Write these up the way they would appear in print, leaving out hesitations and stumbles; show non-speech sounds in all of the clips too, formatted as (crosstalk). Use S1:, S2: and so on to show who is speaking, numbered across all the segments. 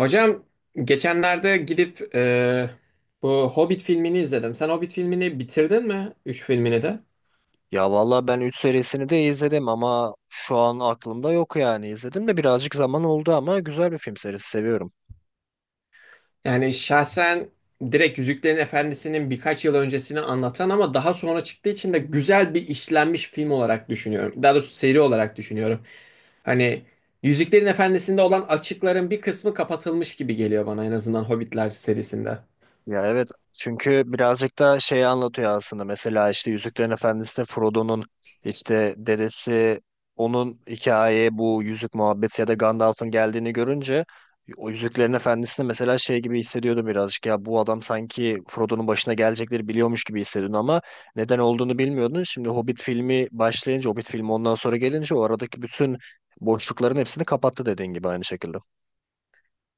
S1: Hocam geçenlerde gidip bu Hobbit filmini izledim. Sen Hobbit filmini bitirdin mi? Üç filmini de.
S2: Ya valla ben 3 serisini de izledim ama şu an aklımda yok yani. İzledim de birazcık zaman oldu ama güzel bir film serisi seviyorum.
S1: Yani şahsen direkt Yüzüklerin Efendisi'nin birkaç yıl öncesini anlatan ama daha sonra çıktığı için de güzel bir işlenmiş film olarak düşünüyorum. Daha doğrusu seri olarak düşünüyorum. Hani Yüzüklerin Efendisi'nde olan açıkların bir kısmı kapatılmış gibi geliyor bana, en azından Hobbitler serisinde.
S2: Ya evet, çünkü birazcık da şeyi anlatıyor aslında. Mesela işte Yüzüklerin Efendisi'nde Frodo'nun işte dedesi onun hikayeye, bu yüzük muhabbeti ya da Gandalf'ın geldiğini görünce, o Yüzüklerin Efendisi'nde mesela şey gibi hissediyordum birazcık. Ya bu adam sanki Frodo'nun başına gelecekleri biliyormuş gibi hissediyordun ama neden olduğunu bilmiyordun. Şimdi Hobbit filmi başlayınca, Hobbit filmi ondan sonra gelince o aradaki bütün boşlukların hepsini kapattı, dediğin gibi aynı şekilde.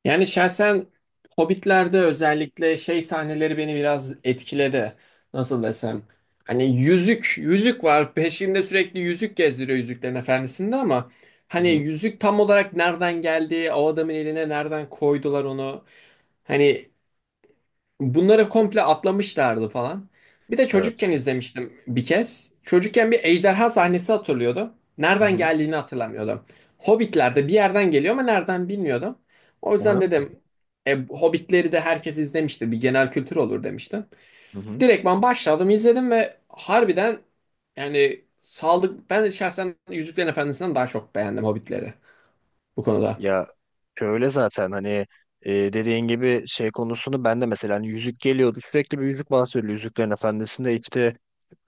S1: Yani şahsen Hobbit'lerde özellikle şey sahneleri beni biraz etkiledi. Nasıl desem? Hani yüzük, yüzük var. Peşinde sürekli yüzük gezdiriyor Yüzüklerin Efendisi'nde ama hani
S2: Hı-hı.
S1: yüzük tam olarak nereden geldi? O adamın eline nereden koydular onu? Hani bunları komple atlamışlardı falan. Bir de
S2: Evet.
S1: çocukken izlemiştim bir kez. Çocukken bir ejderha sahnesi hatırlıyordu. Nereden
S2: Hı-hı.
S1: geldiğini hatırlamıyordum. Hobbitler'de bir yerden geliyor ama nereden bilmiyordum. O yüzden
S2: Hı-hı.
S1: dedim Hobbitleri de herkes izlemiştir, bir genel kültür olur demiştim.
S2: Hı-hı.
S1: Direktman başladım izledim ve harbiden yani saldık. Ben şahsen Yüzüklerin Efendisi'nden daha çok beğendim Hobbitleri, bu konuda.
S2: Ya öyle zaten, hani dediğin gibi şey konusunu ben de mesela, hani yüzük geliyordu sürekli, bir yüzük bahsediliyor Yüzüklerin Efendisi'nde. İşte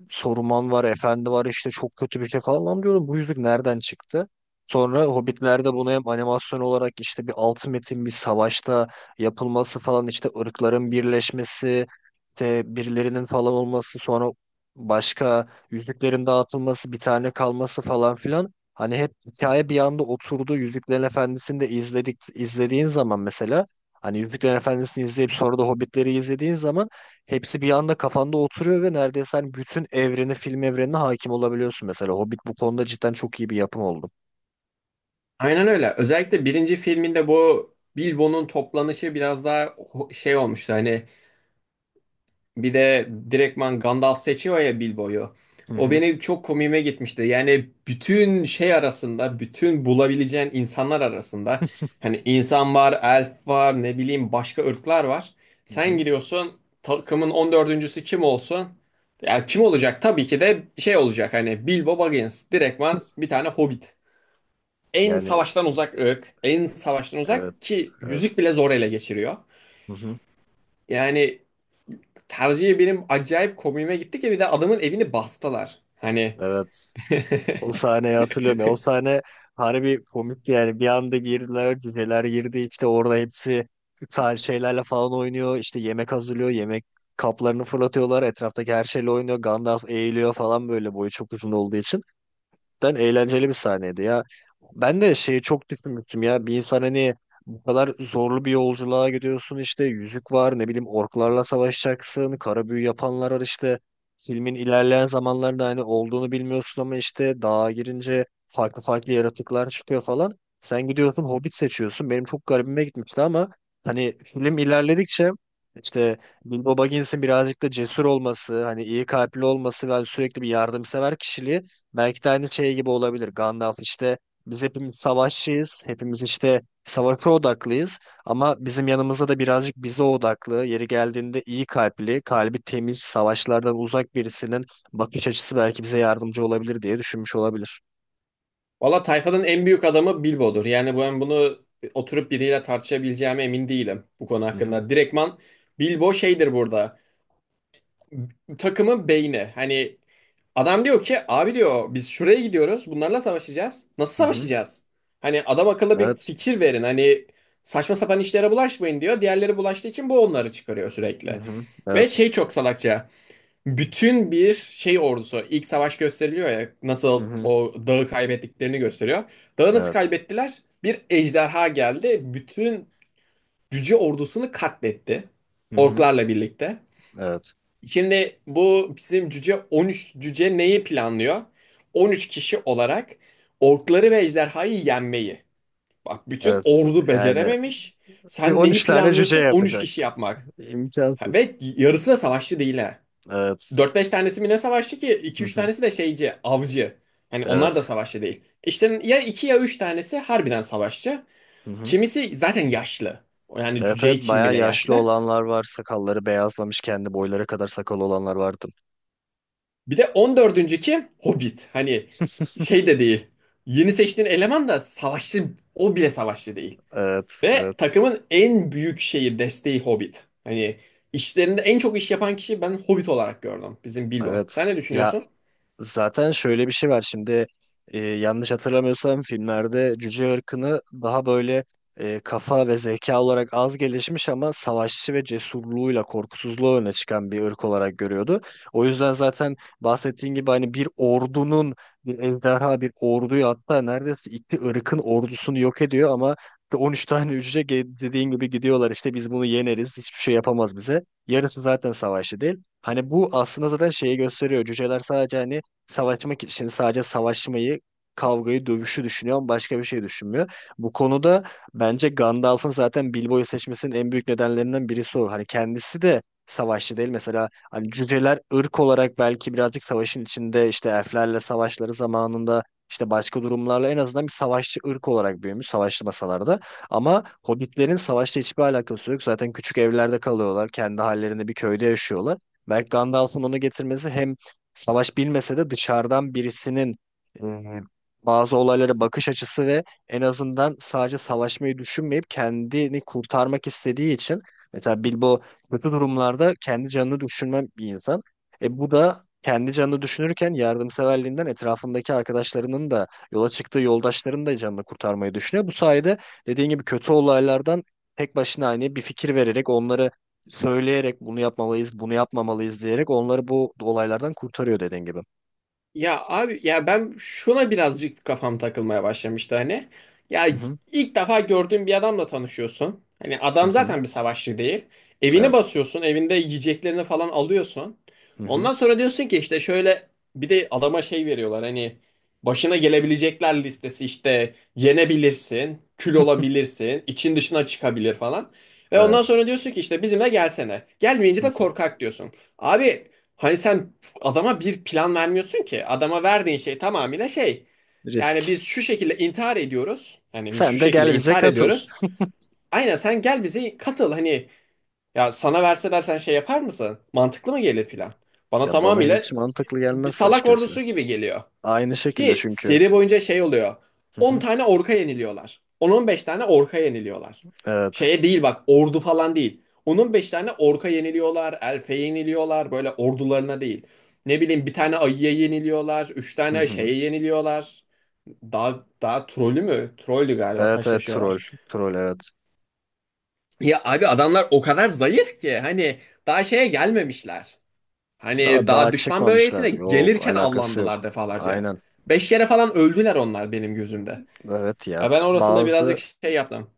S2: Saruman var, Efendi var, işte çok kötü bir şey falan, lan diyordum. Bu yüzük nereden çıktı? Sonra Hobbitler'de bunu hem animasyon olarak işte bir altı metin bir savaşta yapılması falan, işte ırkların birleşmesi, işte birilerinin falan olması, sonra başka yüzüklerin dağıtılması, bir tane kalması falan filan. Hani hep hikaye bir anda oturdu. Yüzüklerin Efendisi'ni de izledik. İzlediğin zaman mesela, hani Yüzüklerin Efendisi'ni izleyip sonra da Hobbitleri izlediğin zaman hepsi bir anda kafanda oturuyor ve neredeyse hani bütün evreni, film evrenine hakim olabiliyorsun mesela. Hobbit bu konuda cidden çok iyi bir yapım oldu.
S1: Aynen öyle. Özellikle birinci filminde bu Bilbo'nun toplanışı biraz daha şey olmuştu. Hani bir de direktman Gandalf seçiyor ya Bilbo'yu.
S2: Hı
S1: O
S2: hı.
S1: beni çok komiğime gitmişti. Yani bütün şey arasında, bütün bulabileceğin insanlar arasında
S2: (laughs)
S1: hani insan var, elf var, ne bileyim başka ırklar var.
S2: Hı
S1: Sen
S2: hı.
S1: giriyorsun takımın 14'üncüsü kim olsun? Ya kim olacak? Tabii ki de şey olacak, hani Bilbo Baggins. Direktman bir tane hobbit, en
S2: Yani
S1: savaştan uzak ırk, en savaştan uzak
S2: evet,
S1: ki yüzük
S2: evet.
S1: bile zor ele geçiriyor.
S2: Hı hı.
S1: Yani tercihi benim acayip komiğime gitti ki bir de adamın evini bastılar. Hani
S2: Evet. O sahneyi hatırlıyorum ya. O
S1: (laughs)
S2: sahne harbi komik yani. Bir anda girdiler, cüceler girdi. İşte orada hepsi tarz şeylerle falan oynuyor. İşte yemek hazırlıyor. Yemek kaplarını fırlatıyorlar. Etraftaki her şeyle oynuyor. Gandalf eğiliyor falan, böyle boyu çok uzun olduğu için. Cidden eğlenceli bir sahneydi ya. Ben de şeyi çok düşünmüştüm ya. Bir insan, hani bu kadar zorlu bir yolculuğa gidiyorsun, işte yüzük var, ne bileyim orklarla savaşacaksın. Kara büyü yapanlar var işte. Filmin ilerleyen zamanlarında hani olduğunu bilmiyorsun ama işte dağa girince farklı farklı yaratıklar çıkıyor falan. Sen gidiyorsun Hobbit seçiyorsun. Benim çok garibime gitmişti ama hani film ilerledikçe işte Bilbo Baggins'in birazcık da cesur olması, hani iyi kalpli olması ve hani sürekli bir yardımsever kişiliği, belki de aynı şey gibi olabilir. Gandalf işte, biz hepimiz savaşçıyız. Hepimiz işte savaşa odaklıyız. Ama bizim yanımızda da birazcık bize odaklı, yeri geldiğinde iyi kalpli, kalbi temiz, savaşlardan uzak birisinin bakış açısı belki bize yardımcı olabilir diye düşünmüş olabilir.
S1: valla tayfanın en büyük adamı Bilbo'dur. Yani ben bunu oturup biriyle tartışabileceğime emin değilim bu konu
S2: Hı hı.
S1: hakkında. Direktman Bilbo şeydir burada. Takımın beyni. Hani adam diyor ki abi diyor biz şuraya gidiyoruz bunlarla savaşacağız. Nasıl
S2: Hı hı.
S1: savaşacağız? Hani adam akıllı bir
S2: Evet.
S1: fikir verin, hani saçma sapan işlere bulaşmayın diyor. Diğerleri bulaştığı için bu onları çıkarıyor
S2: Hı
S1: sürekli.
S2: hı.
S1: Ve
S2: Evet.
S1: şey çok salakça. Bütün bir şey ordusu, ilk savaş gösteriliyor ya,
S2: Hı
S1: nasıl
S2: hı.
S1: o dağı kaybettiklerini gösteriyor. Dağı nasıl
S2: Evet.
S1: kaybettiler? Bir ejderha geldi, bütün cüce ordusunu katletti.
S2: Hı hı.
S1: Orklarla birlikte.
S2: Evet.
S1: Şimdi bu bizim cüce 13 cüce neyi planlıyor? 13 kişi olarak orkları ve ejderhayı yenmeyi. Bak, bütün
S2: Evet.
S1: ordu
S2: Yani
S1: becerememiş.
S2: bir
S1: Sen neyi
S2: 13 tane cüce
S1: planlıyorsun? 13
S2: yapacak.
S1: kişi yapmak. Ha,
S2: İmkansız.
S1: ve yarısı da savaşçı değil ha.
S2: Evet.
S1: 4-5 tanesi mi ne savaşçı ki?
S2: Hı
S1: 2-3
S2: hı.
S1: tanesi de şeyci, avcı. Hani onlar da
S2: Evet.
S1: savaşçı değil. İşte ya 2 ya 3 tanesi harbiden savaşçı.
S2: Hı hı.
S1: Kimisi zaten yaşlı. Yani
S2: Evet
S1: cüce
S2: evet,
S1: için
S2: bayağı
S1: bile
S2: yaşlı
S1: yaşlı.
S2: olanlar var. Sakalları beyazlamış, kendi boyları kadar sakal olanlar vardı.
S1: Bir de 14'üncü kim? Hobbit. Hani şey de değil. Yeni seçtiğin eleman da savaşçı, o bile savaşçı değil.
S2: Evet,
S1: Ve
S2: evet,
S1: takımın en büyük şeyi, desteği Hobbit. Hani işlerinde en çok iş yapan kişi ben Hobbit olarak gördüm. Bizim Bilbo.
S2: evet.
S1: Sen ne
S2: Ya
S1: düşünüyorsun?
S2: zaten şöyle bir şey var şimdi, yanlış hatırlamıyorsam filmlerde cüce ırkını daha böyle, kafa ve zeka olarak az gelişmiş ama savaşçı ve cesurluğuyla, korkusuzluğu öne çıkan bir ırk olarak görüyordu. O yüzden zaten bahsettiğin gibi, hani bir ordunun, bir ejderha bir orduyu, hatta neredeyse iki ırkın ordusunu yok ediyor ama 13 tane cüce dediğin gibi gidiyorlar işte, biz bunu yeneriz, hiçbir şey yapamaz bize. Yarısı zaten savaşçı değil. Hani bu aslında zaten şeyi gösteriyor. Cüceler sadece, hani savaşmak için sadece savaşmayı, kavgayı, dövüşü düşünüyor ama başka bir şey düşünmüyor. Bu konuda bence Gandalf'ın zaten Bilbo'yu seçmesinin en büyük nedenlerinden birisi o. Hani kendisi de savaşçı değil. Mesela hani cüceler ırk olarak belki birazcık savaşın içinde, işte elflerle savaşları zamanında, işte başka durumlarla, en azından bir savaşçı ırk olarak büyümüş savaşlı masalarda. Ama hobbitlerin savaşla hiçbir alakası yok. Zaten küçük evlerde kalıyorlar. Kendi hallerinde bir köyde yaşıyorlar. Belki Gandalf'ın onu getirmesi, hem savaş bilmese de dışarıdan birisinin e, bazı olaylara bakış açısı ve en azından sadece savaşmayı düşünmeyip kendini kurtarmak istediği için, mesela Bilbo kötü durumlarda kendi canını düşünmem bir insan. Bu da kendi canını düşünürken, yardımseverliğinden etrafındaki arkadaşlarının da, yola çıktığı yoldaşlarının da canını kurtarmayı düşünüyor. Bu sayede dediğin gibi kötü olaylardan tek başına, hani bir fikir vererek, onları söyleyerek bunu yapmalıyız, bunu yapmamalıyız diyerek onları bu olaylardan kurtarıyor, dediğin gibi.
S1: Ya abi ya, ben şuna birazcık kafam takılmaya başlamıştı hani. Ya,
S2: Hı hı,
S1: ilk defa gördüğün bir adamla tanışıyorsun. Hani
S2: hı
S1: adam
S2: hı,
S1: zaten bir savaşçı değil. Evini
S2: evet.
S1: basıyorsun, evinde yiyeceklerini falan alıyorsun.
S2: Hı hı,
S1: Ondan sonra diyorsun ki işte şöyle, bir de adama şey veriyorlar hani, başına gelebilecekler listesi: işte yenebilirsin, kül
S2: (laughs)
S1: olabilirsin, için dışına çıkabilir falan. Ve ondan
S2: evet.
S1: sonra diyorsun ki işte bizimle gelsene. Gelmeyince
S2: Hı
S1: de
S2: hı.
S1: korkak diyorsun. Abi hani sen adama bir plan vermiyorsun ki. Adama verdiğin şey tamamıyla şey. Yani
S2: Risk.
S1: biz şu şekilde intihar ediyoruz. Yani biz şu
S2: Sen de
S1: şekilde
S2: gel bize
S1: intihar
S2: katıl.
S1: ediyoruz. Aynen sen gel bize katıl hani, ya sana verseler sen şey yapar mısın? Mantıklı mı gelir plan? Bana
S2: Ya bana hiç
S1: tamamıyla
S2: mantıklı
S1: bir
S2: gelmez
S1: salak
S2: açıkçası.
S1: ordusu gibi geliyor.
S2: Aynı şekilde
S1: Ki
S2: çünkü.
S1: seri boyunca şey oluyor.
S2: Hı
S1: 10
S2: hı,
S1: tane orka yeniliyorlar. 10-15 tane orka yeniliyorlar.
S2: evet.
S1: Şeye değil bak, ordu falan değil. 10-15 tane orka yeniliyorlar. Elfe yeniliyorlar. Böyle ordularına değil. Ne bileyim bir tane ayıya yeniliyorlar. Üç
S2: Hı
S1: tane
S2: hı.
S1: şeye yeniliyorlar. Daha trollü mü? Trollü galiba,
S2: Evet evet, troll.
S1: taşlaşıyorlar.
S2: Troll, evet.
S1: Ya abi adamlar o kadar zayıf ki hani daha şeye gelmemişler. Hani
S2: Daha daha
S1: daha düşman
S2: çıkmamışlar.
S1: bölgesine
S2: Yok,
S1: gelirken
S2: alakası
S1: avlandılar
S2: yok.
S1: defalarca.
S2: Aynen.
S1: 5 kere falan öldüler onlar benim gözümde.
S2: Evet ya.
S1: Ya ben orasında birazcık
S2: Bazı...
S1: şey yaptım.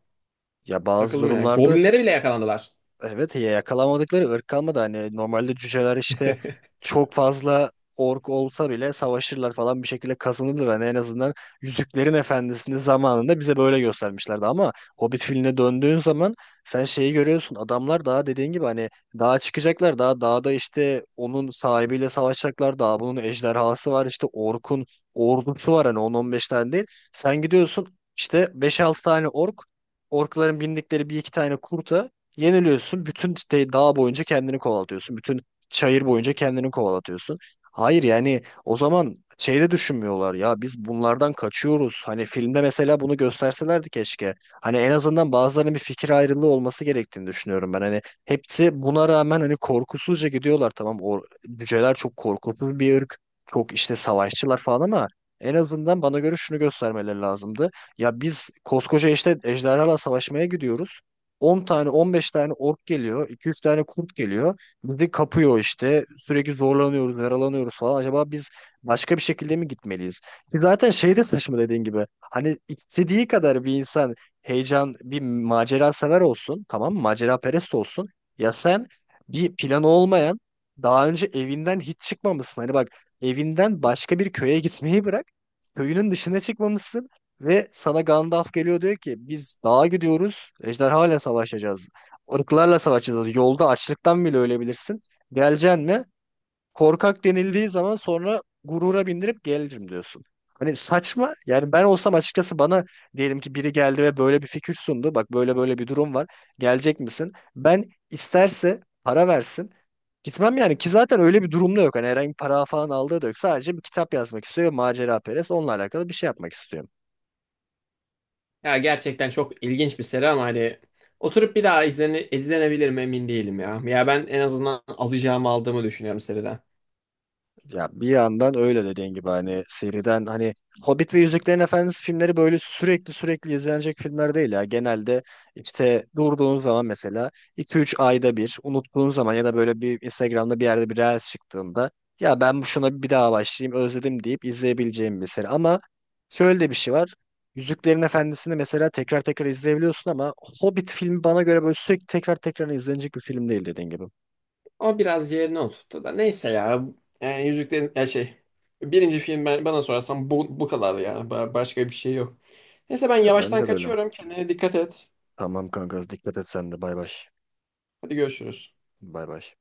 S2: Ya, bazı
S1: Takıldım yani.
S2: durumlarda...
S1: Goblinlere bile yakalandılar.
S2: Evet ya, yakalamadıkları ırk kalmadı. Hani normalde cüceler işte
S1: (laughs)
S2: çok fazla ork olsa bile savaşırlar falan, bir şekilde kazanırlar. Hani en azından Yüzüklerin Efendisi'ni zamanında bize böyle göstermişlerdi. Ama Hobbit filmine döndüğün zaman sen şeyi görüyorsun. Adamlar daha dediğin gibi hani dağa çıkacaklar. Daha dağda işte onun sahibiyle savaşacaklar. Daha bunun ejderhası var, işte orkun ordusu var. Hani 10-15 tane değil. Sen gidiyorsun işte beş altı tane ork, orkların bindikleri bir iki tane kurta yeniliyorsun. Bütün dağ boyunca kendini kovalatıyorsun. Bütün çayır boyunca kendini kovalatıyorsun. Hayır, yani o zaman şeyde düşünmüyorlar ya, biz bunlardan kaçıyoruz. Hani filmde mesela bunu gösterselerdi keşke. Hani en azından bazılarının bir fikir ayrılığı olması gerektiğini düşünüyorum ben. Hani hepsi buna rağmen hani korkusuzca gidiyorlar, tamam. O cüceler çok korkutucu bir ırk. Çok işte savaşçılar falan ama en azından bana göre şunu göstermeleri lazımdı. Ya biz koskoca işte ejderhalarla savaşmaya gidiyoruz. 10 tane 15 tane ork geliyor. İki üç tane kurt geliyor. Bizi kapıyor işte. Sürekli zorlanıyoruz, yaralanıyoruz falan. Acaba biz başka bir şekilde mi gitmeliyiz? Ki zaten şey de saçma dediğin gibi. Hani istediği kadar bir insan heyecan, bir macera sever olsun. Tamam mı? Macera perest olsun. Ya sen bir planı olmayan, daha önce evinden hiç çıkmamışsın. Hani bak, evinden başka bir köye gitmeyi bırak, köyünün dışına çıkmamışsın. Ve sana Gandalf geliyor, diyor ki biz dağa gidiyoruz. Ejderhalarla savaşacağız. Irklarla savaşacağız. Yolda açlıktan bile ölebilirsin. Geleceksin mi? Korkak denildiği zaman sonra gurura bindirip gelirim diyorsun. Hani saçma. Yani ben olsam açıkçası, bana diyelim ki biri geldi ve böyle bir fikir sundu. Bak böyle böyle bir durum var. Gelecek misin? Ben isterse para versin, gitmem yani. Ki zaten öyle bir durumda yok. Hani herhangi bir para falan aldığı da yok. Sadece bir kitap yazmak istiyor ve macera perest. Onunla alakalı bir şey yapmak istiyor.
S1: Ya gerçekten çok ilginç bir seri ama hani oturup bir daha izlenebilir mi emin değilim ya. Ya ben en azından alacağımı aldığımı düşünüyorum seriden.
S2: Ya bir yandan öyle dediğin gibi, hani seriden, hani Hobbit ve Yüzüklerin Efendisi filmleri böyle sürekli sürekli izlenecek filmler değil ya. Genelde işte durduğun zaman mesela, iki üç ayda bir unuttuğun zaman ya da böyle bir Instagram'da bir yerde bir reels çıktığında, ya ben bu şuna bir daha başlayayım özledim deyip izleyebileceğim bir seri. Ama şöyle de bir şey var. Yüzüklerin Efendisi'ni mesela tekrar tekrar izleyebiliyorsun ama Hobbit filmi bana göre böyle sürekli tekrar tekrar izlenecek bir film değil, dediğin gibi.
S1: Ama biraz yerine oturttu da, neyse ya. Yani Yüzüklerin ya şey. Birinci film ben, bana sorarsan, bu kadar ya. Başka bir şey yok. Neyse ben
S2: Ya
S1: yavaştan
S2: bence de öyle.
S1: kaçıyorum. Kendine dikkat et.
S2: Tamam kanka, dikkat et sen de, bay bay.
S1: Hadi görüşürüz.
S2: Bay bay.